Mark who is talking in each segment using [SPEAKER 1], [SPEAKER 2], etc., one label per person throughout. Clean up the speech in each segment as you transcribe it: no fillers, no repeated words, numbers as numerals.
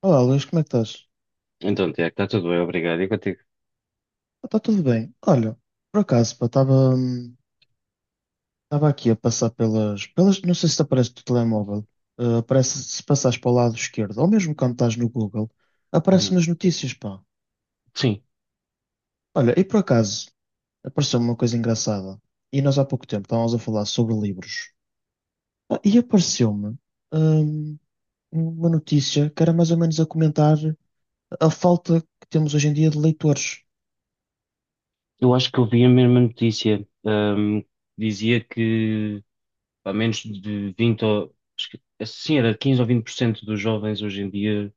[SPEAKER 1] Olá, Luís, como é que estás?
[SPEAKER 2] Então, Tiago, está tudo bem, obrigado. E contigo?
[SPEAKER 1] Está tudo bem. Olha, por acaso, pá, estava aqui a passar pelas. Não sei se te aparece no telemóvel. Aparece, se passares para o lado esquerdo, ou mesmo quando estás no Google,
[SPEAKER 2] Uhum.
[SPEAKER 1] aparecem as notícias, pá.
[SPEAKER 2] Sim,
[SPEAKER 1] Olha, e por acaso, apareceu-me uma coisa engraçada. E nós há pouco tempo estávamos a falar sobre livros. Ah, e apareceu-me, hum, uma notícia que era mais ou menos a comentar a falta que temos hoje em dia de leitores.
[SPEAKER 2] eu acho que eu vi a mesma notícia. Dizia que a menos de 20, ou, sim, era 15 ou 20% dos jovens hoje em dia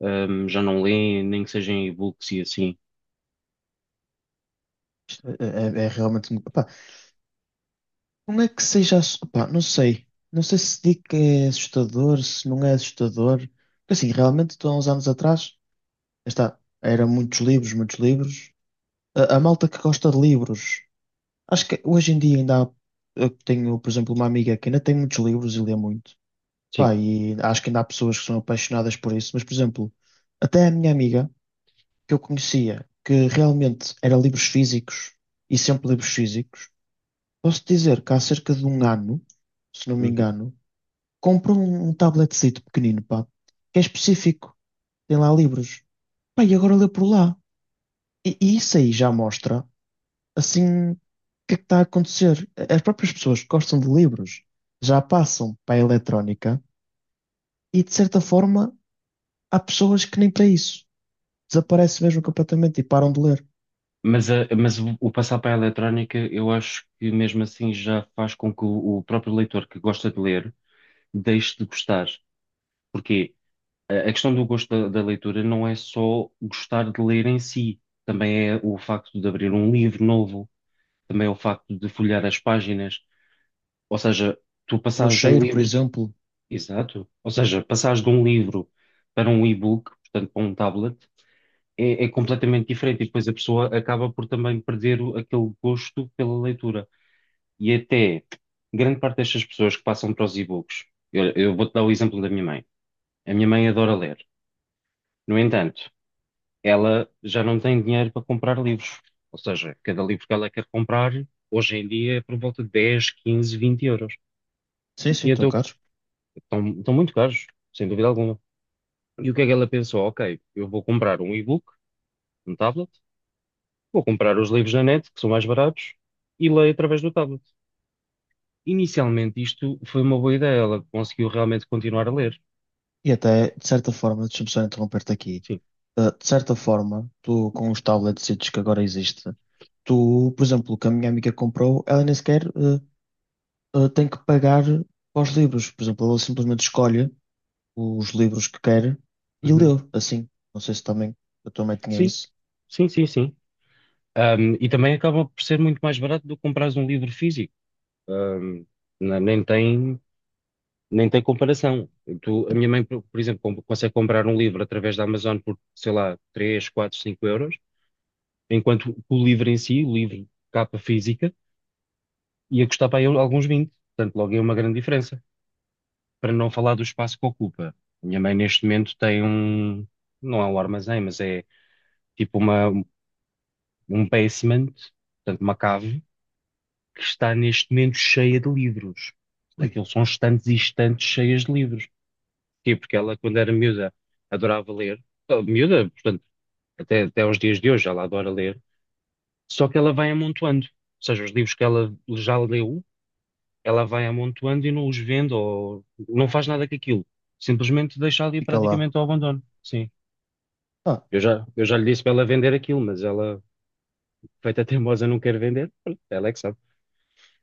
[SPEAKER 2] já não leem, nem que sejam e-books e assim.
[SPEAKER 1] Isto é realmente. Não é que seja. Opá, não sei. Não sei se digo que é assustador, se não é assustador. Porque assim, realmente, estou há uns anos atrás, lá está, era muitos livros, muitos livros. A malta que gosta de livros. Acho que hoje em dia ainda há. Eu tenho, por exemplo, uma amiga que ainda tem muitos livros e lê muito. Pá,
[SPEAKER 2] Sim.
[SPEAKER 1] e acho que ainda há pessoas que são apaixonadas por isso. Mas, por exemplo, até a minha amiga, que eu conhecia, que realmente era livros físicos e sempre livros físicos, posso dizer que há cerca de um ano, se não me
[SPEAKER 2] Uhum.
[SPEAKER 1] engano. Compra um tabletzinho pequenino, pá, que é específico, tem lá livros. Pá, e agora lê por lá. E isso aí já mostra, assim, o que é que está a acontecer. As próprias pessoas que gostam de livros já passam para a eletrónica e, de certa forma, há pessoas que nem para isso. Desaparecem mesmo completamente e param de ler.
[SPEAKER 2] Mas o passar para a eletrónica, eu acho que mesmo assim já faz com que o próprio leitor que gosta de ler deixe de gostar. Porquê? A questão do gosto da leitura não é só gostar de ler em si, também é o facto de abrir um livro novo, também é o facto de folhear as páginas, ou seja, tu
[SPEAKER 1] No
[SPEAKER 2] passares de um
[SPEAKER 1] cheiro, por
[SPEAKER 2] livro,
[SPEAKER 1] exemplo.
[SPEAKER 2] exato, ou seja, passares de um livro para um e-book, portanto para um tablet, é completamente diferente e depois a pessoa acaba por também perder aquele gosto pela leitura. E até grande parte destas pessoas que passam para os e-books, eu vou-te dar o exemplo da minha mãe. A minha mãe adora ler. No entanto, ela já não tem dinheiro para comprar livros. Ou seja, cada livro que ela quer comprar, hoje em dia, é por volta de 10, 15, 20 euros.
[SPEAKER 1] Sim, sim,
[SPEAKER 2] E
[SPEAKER 1] estão
[SPEAKER 2] então
[SPEAKER 1] caros.
[SPEAKER 2] estão muito caros, sem dúvida alguma. E o que é que ela pensou? Ok, eu vou comprar um e-book, um tablet, vou comprar os livros na net, que são mais baratos, e leio através do tablet. Inicialmente, isto foi uma boa ideia, ela conseguiu realmente continuar a ler.
[SPEAKER 1] E até, de certa forma, deixa-me só interromper-te aqui.
[SPEAKER 2] Sim.
[SPEAKER 1] De certa forma, tu com os tablets que agora existe, tu, por exemplo, o que a minha amiga comprou, ela nem sequer tem que pagar para os livros. Por exemplo, ela simplesmente escolhe os livros que quer e lê
[SPEAKER 2] Uhum.
[SPEAKER 1] assim. Não sei se também a tua mãe tinha
[SPEAKER 2] Sim,
[SPEAKER 1] isso.
[SPEAKER 2] sim, sim, sim. E também acaba por ser muito mais barato do que comprares um livro físico. Ahm, na- nem tem Nem tem comparação. A minha mãe, por exemplo, consegue comprar um livro através da Amazon por, sei lá, 3 4 5 euros, enquanto o livro em si, o livro capa física, ia custar para aí alguns vinte. Portanto, logo é uma grande diferença. Para não falar do espaço que ocupa. A minha mãe, neste momento, tem um, não é um armazém, mas é tipo uma, um basement, portanto, uma cave, que está neste momento cheia de livros.
[SPEAKER 1] Ui,
[SPEAKER 2] Aquilo são estantes e estantes cheias de livros. Sim, porque ela, quando era miúda, adorava ler. Ah, miúda, portanto, até aos dias de hoje ela adora ler. Só que ela vai amontoando. Ou seja, os livros que ela já leu, ela vai amontoando e não os vende ou não faz nada com aquilo. Simplesmente deixa ali
[SPEAKER 1] fica lá.
[SPEAKER 2] praticamente ao abandono. Sim.
[SPEAKER 1] Ah,
[SPEAKER 2] Eu já lhe disse para ela vender aquilo, mas ela, feita teimosa, não quer vender. Pronto, ela é que sabe.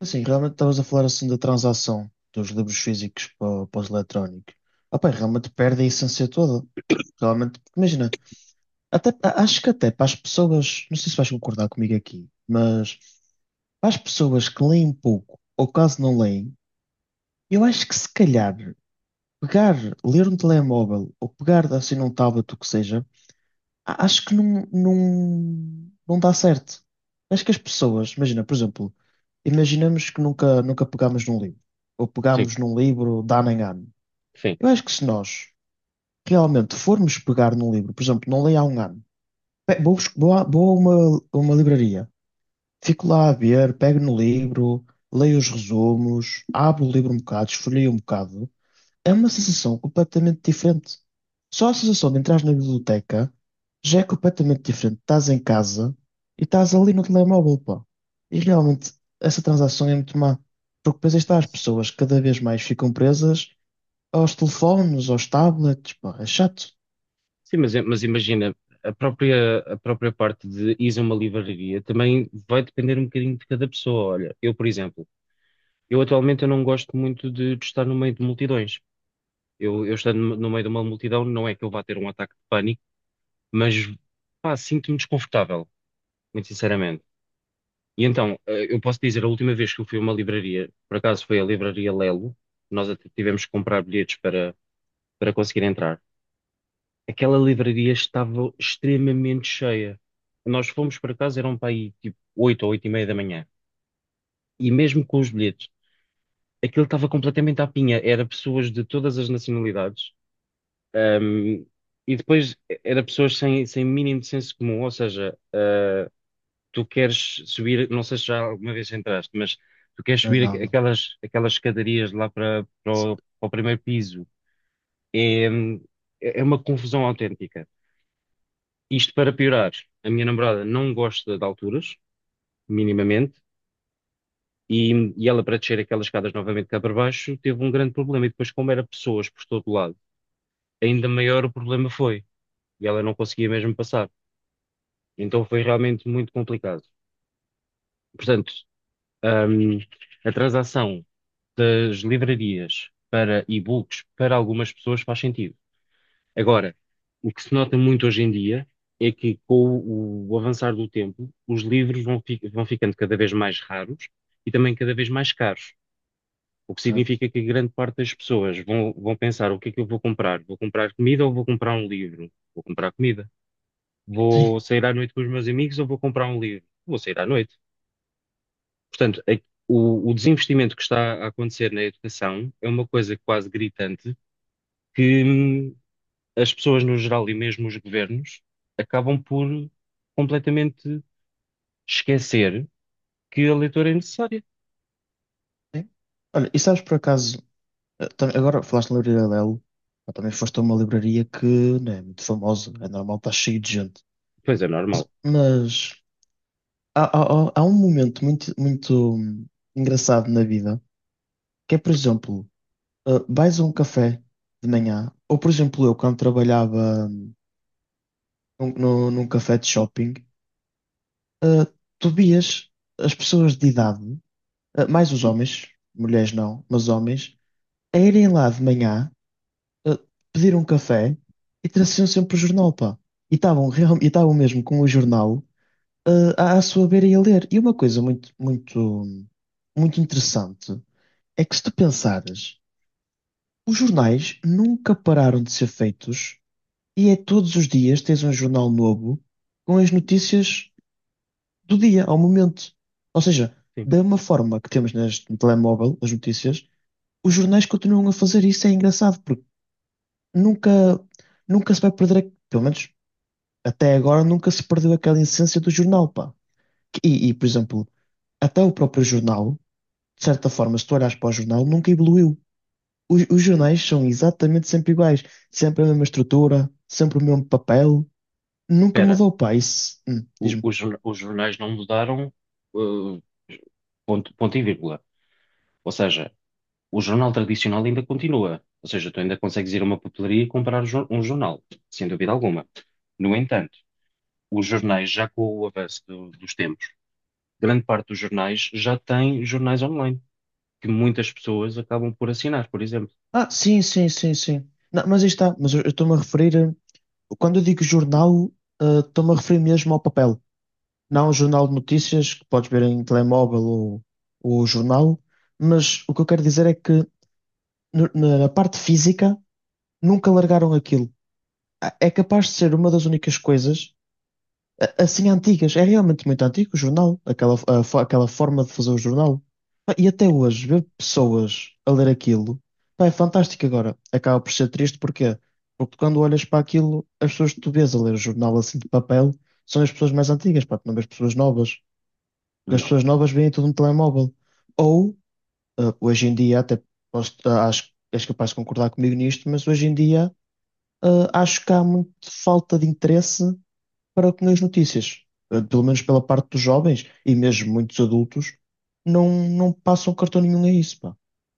[SPEAKER 1] assim, realmente estavas a falar assim da transação dos livros físicos para os eletrónicos. Ah, pá, realmente perde a essência toda. Realmente, porque imagina, até, a- acho que até para as pessoas, não sei se vais concordar comigo aqui, mas para as pessoas que leem pouco ou quase não leem, eu acho que se calhar pegar, ler um telemóvel ou pegar assim num tablet, o que seja, a- acho que não dá certo. Acho que as pessoas, imagina, por exemplo, imaginamos que nunca pegámos num livro, ou
[SPEAKER 2] Sim,
[SPEAKER 1] pegámos num livro de ano em ano.
[SPEAKER 2] enfim.
[SPEAKER 1] Eu acho que se nós realmente formos pegar num livro, por exemplo, não leio há um ano, vou a uma livraria. Fico lá a ver, pego no livro, leio os resumos, abro o livro um bocado, esfolio um bocado. É uma sensação completamente diferente. Só a sensação de entrar na biblioteca já é completamente diferente. Estás em casa e estás ali no telemóvel, pá. E realmente essa transação é muito má. Porque depois aí está, as pessoas cada vez mais ficam presas aos telefones, aos tablets, pá. É chato.
[SPEAKER 2] Sim, mas imagina, a própria parte de ir a uma livraria também vai depender um bocadinho de cada pessoa. Olha, eu, por exemplo, eu atualmente eu não gosto muito de estar no meio de multidões. Eu estando no meio de uma multidão, não é que eu vá ter um ataque de pânico, mas pá, sinto-me desconfortável, muito sinceramente. E então, eu posso dizer, a última vez que eu fui a uma livraria, por acaso foi a livraria Lelo, nós até tivemos que comprar bilhetes para, para conseguir entrar. Aquela livraria estava extremamente cheia. Nós fomos para casa, eram para aí tipo 8 ou 8 e meia da manhã. E mesmo com os bilhetes, aquilo estava completamente à pinha. Era pessoas de todas as nacionalidades. ahm, e depois era pessoas sem mínimo de senso comum. Ou seja, ah, tu queres subir, não sei se já alguma vez entraste, mas tu queres
[SPEAKER 1] Ah,
[SPEAKER 2] subir
[SPEAKER 1] não, não.
[SPEAKER 2] aquelas escadarias lá para para o primeiro piso. É, é uma confusão autêntica. Isto para piorar, a minha namorada não gosta de alturas, minimamente, e ela para descer aquelas escadas novamente cá para baixo teve um grande problema. E depois, como era pessoas por todo lado, ainda maior o problema foi. E ela não conseguia mesmo passar. Então foi realmente muito complicado. Portanto, hum, a transação das livrarias para e-books para algumas pessoas faz sentido. Agora, o que se nota muito hoje em dia é que, com o avançar do tempo, os livros vão, vão ficando cada vez mais raros e também cada vez mais caros. O que
[SPEAKER 1] Certo.
[SPEAKER 2] significa que grande parte das pessoas vão pensar: o que é que eu vou comprar? Vou comprar comida ou vou comprar um livro? Vou comprar comida.
[SPEAKER 1] Sim.
[SPEAKER 2] Vou sair à noite com os meus amigos ou vou comprar um livro? Vou sair à noite. Portanto, a- o desinvestimento que está a acontecer na educação é uma coisa quase gritante. Que as pessoas no geral e mesmo os governos acabam por completamente esquecer que a leitura é necessária.
[SPEAKER 1] Sim. Olha, e sabes por acaso agora falaste na livraria Lelo, mas também foste a uma livraria que não é muito famosa, é normal, está cheio de gente.
[SPEAKER 2] Pois é, normal.
[SPEAKER 1] Mas há, há um momento muito engraçado na vida, que é, por exemplo, vais a um café de manhã, ou por exemplo, eu quando trabalhava num café de shopping, tu vias as pessoas de idade, mais os homens, mulheres não, mas homens, a irem lá de manhã uh, pedir um café e traziam sempre o jornal, pá. E estavam mesmo com o jornal à, à sua beira e a ler. E uma coisa muito interessante é que se tu pensares, os jornais nunca pararam de ser feitos e é todos os dias tens um jornal novo com as notícias do dia, ao momento. Ou seja,
[SPEAKER 2] Sim.
[SPEAKER 1] da mesma forma que temos neste no telemóvel as notícias, os jornais continuam a fazer isso, é engraçado, porque nunca nunca se vai perder, pelo menos até agora nunca se perdeu aquela essência do jornal, pá. Por exemplo, até o próprio jornal, de certa forma, se tu olhares para o jornal, nunca evoluiu. Os jornais são exatamente sempre iguais, sempre a mesma estrutura, sempre o mesmo papel, nunca
[SPEAKER 2] Espera,
[SPEAKER 1] mudou, pá. Isso diz-me.
[SPEAKER 2] os jornais não mudaram, uh, ponto, ponto e vírgula. Ou seja, o jornal tradicional ainda continua. Ou seja, tu ainda consegues ir a uma papelaria e comprar um jornal, sem dúvida alguma. No entanto, os jornais, já com o avanço dos tempos, grande parte dos jornais já tem jornais online, que muitas pessoas acabam por assinar, por exemplo.
[SPEAKER 1] Ah, sim, sim, sim, sim. Não, mas aí está, mas eu estou-me a referir, a- quando eu digo jornal, ah, estou-me a referir mesmo ao papel. Não um jornal de notícias que podes ver em telemóvel ou jornal, mas o que eu quero dizer é que na parte física, nunca largaram aquilo. A- É capaz de ser uma das únicas coisas assim antigas. É realmente muito antigo o jornal, aquela forma de fazer o jornal. Pá, e até hoje, ver pessoas a ler aquilo, pá, é fantástico agora. Acaba por ser triste, porquê? Porque quando olhas para aquilo, as pessoas que tu vês a ler o jornal assim de papel são as pessoas mais antigas, pá, tu não vês pessoas novas. Porque as pessoas novas veem tudo no telemóvel. Ou hoje em dia, até acho que és capaz de concordar comigo nisto, mas hoje em dia, acho que há muita falta de interesse para com as notícias. Pelo menos pela parte dos jovens e mesmo muitos adultos, não passam cartão nenhum a isso, pá.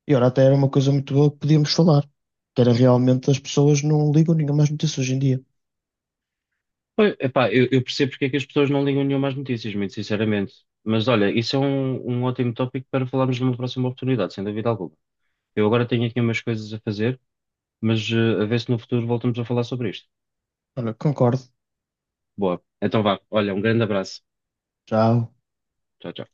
[SPEAKER 1] E ora, até era uma coisa muito boa que podíamos falar, que era realmente as pessoas não ligam nenhuma mais notícias hoje em dia.
[SPEAKER 2] Pois, epá, eu percebo porque é que as pessoas não ligam nenhuma às notícias, muito sinceramente. Mas olha, isso é um ótimo tópico para falarmos numa próxima oportunidade, sem dúvida alguma. Eu agora tenho aqui umas coisas a fazer, mas a ver se no futuro voltamos a falar sobre isto.
[SPEAKER 1] Olha, concordo.
[SPEAKER 2] Boa. Então vá. Olha, um grande abraço.
[SPEAKER 1] Tchau.
[SPEAKER 2] Tchau, tchau.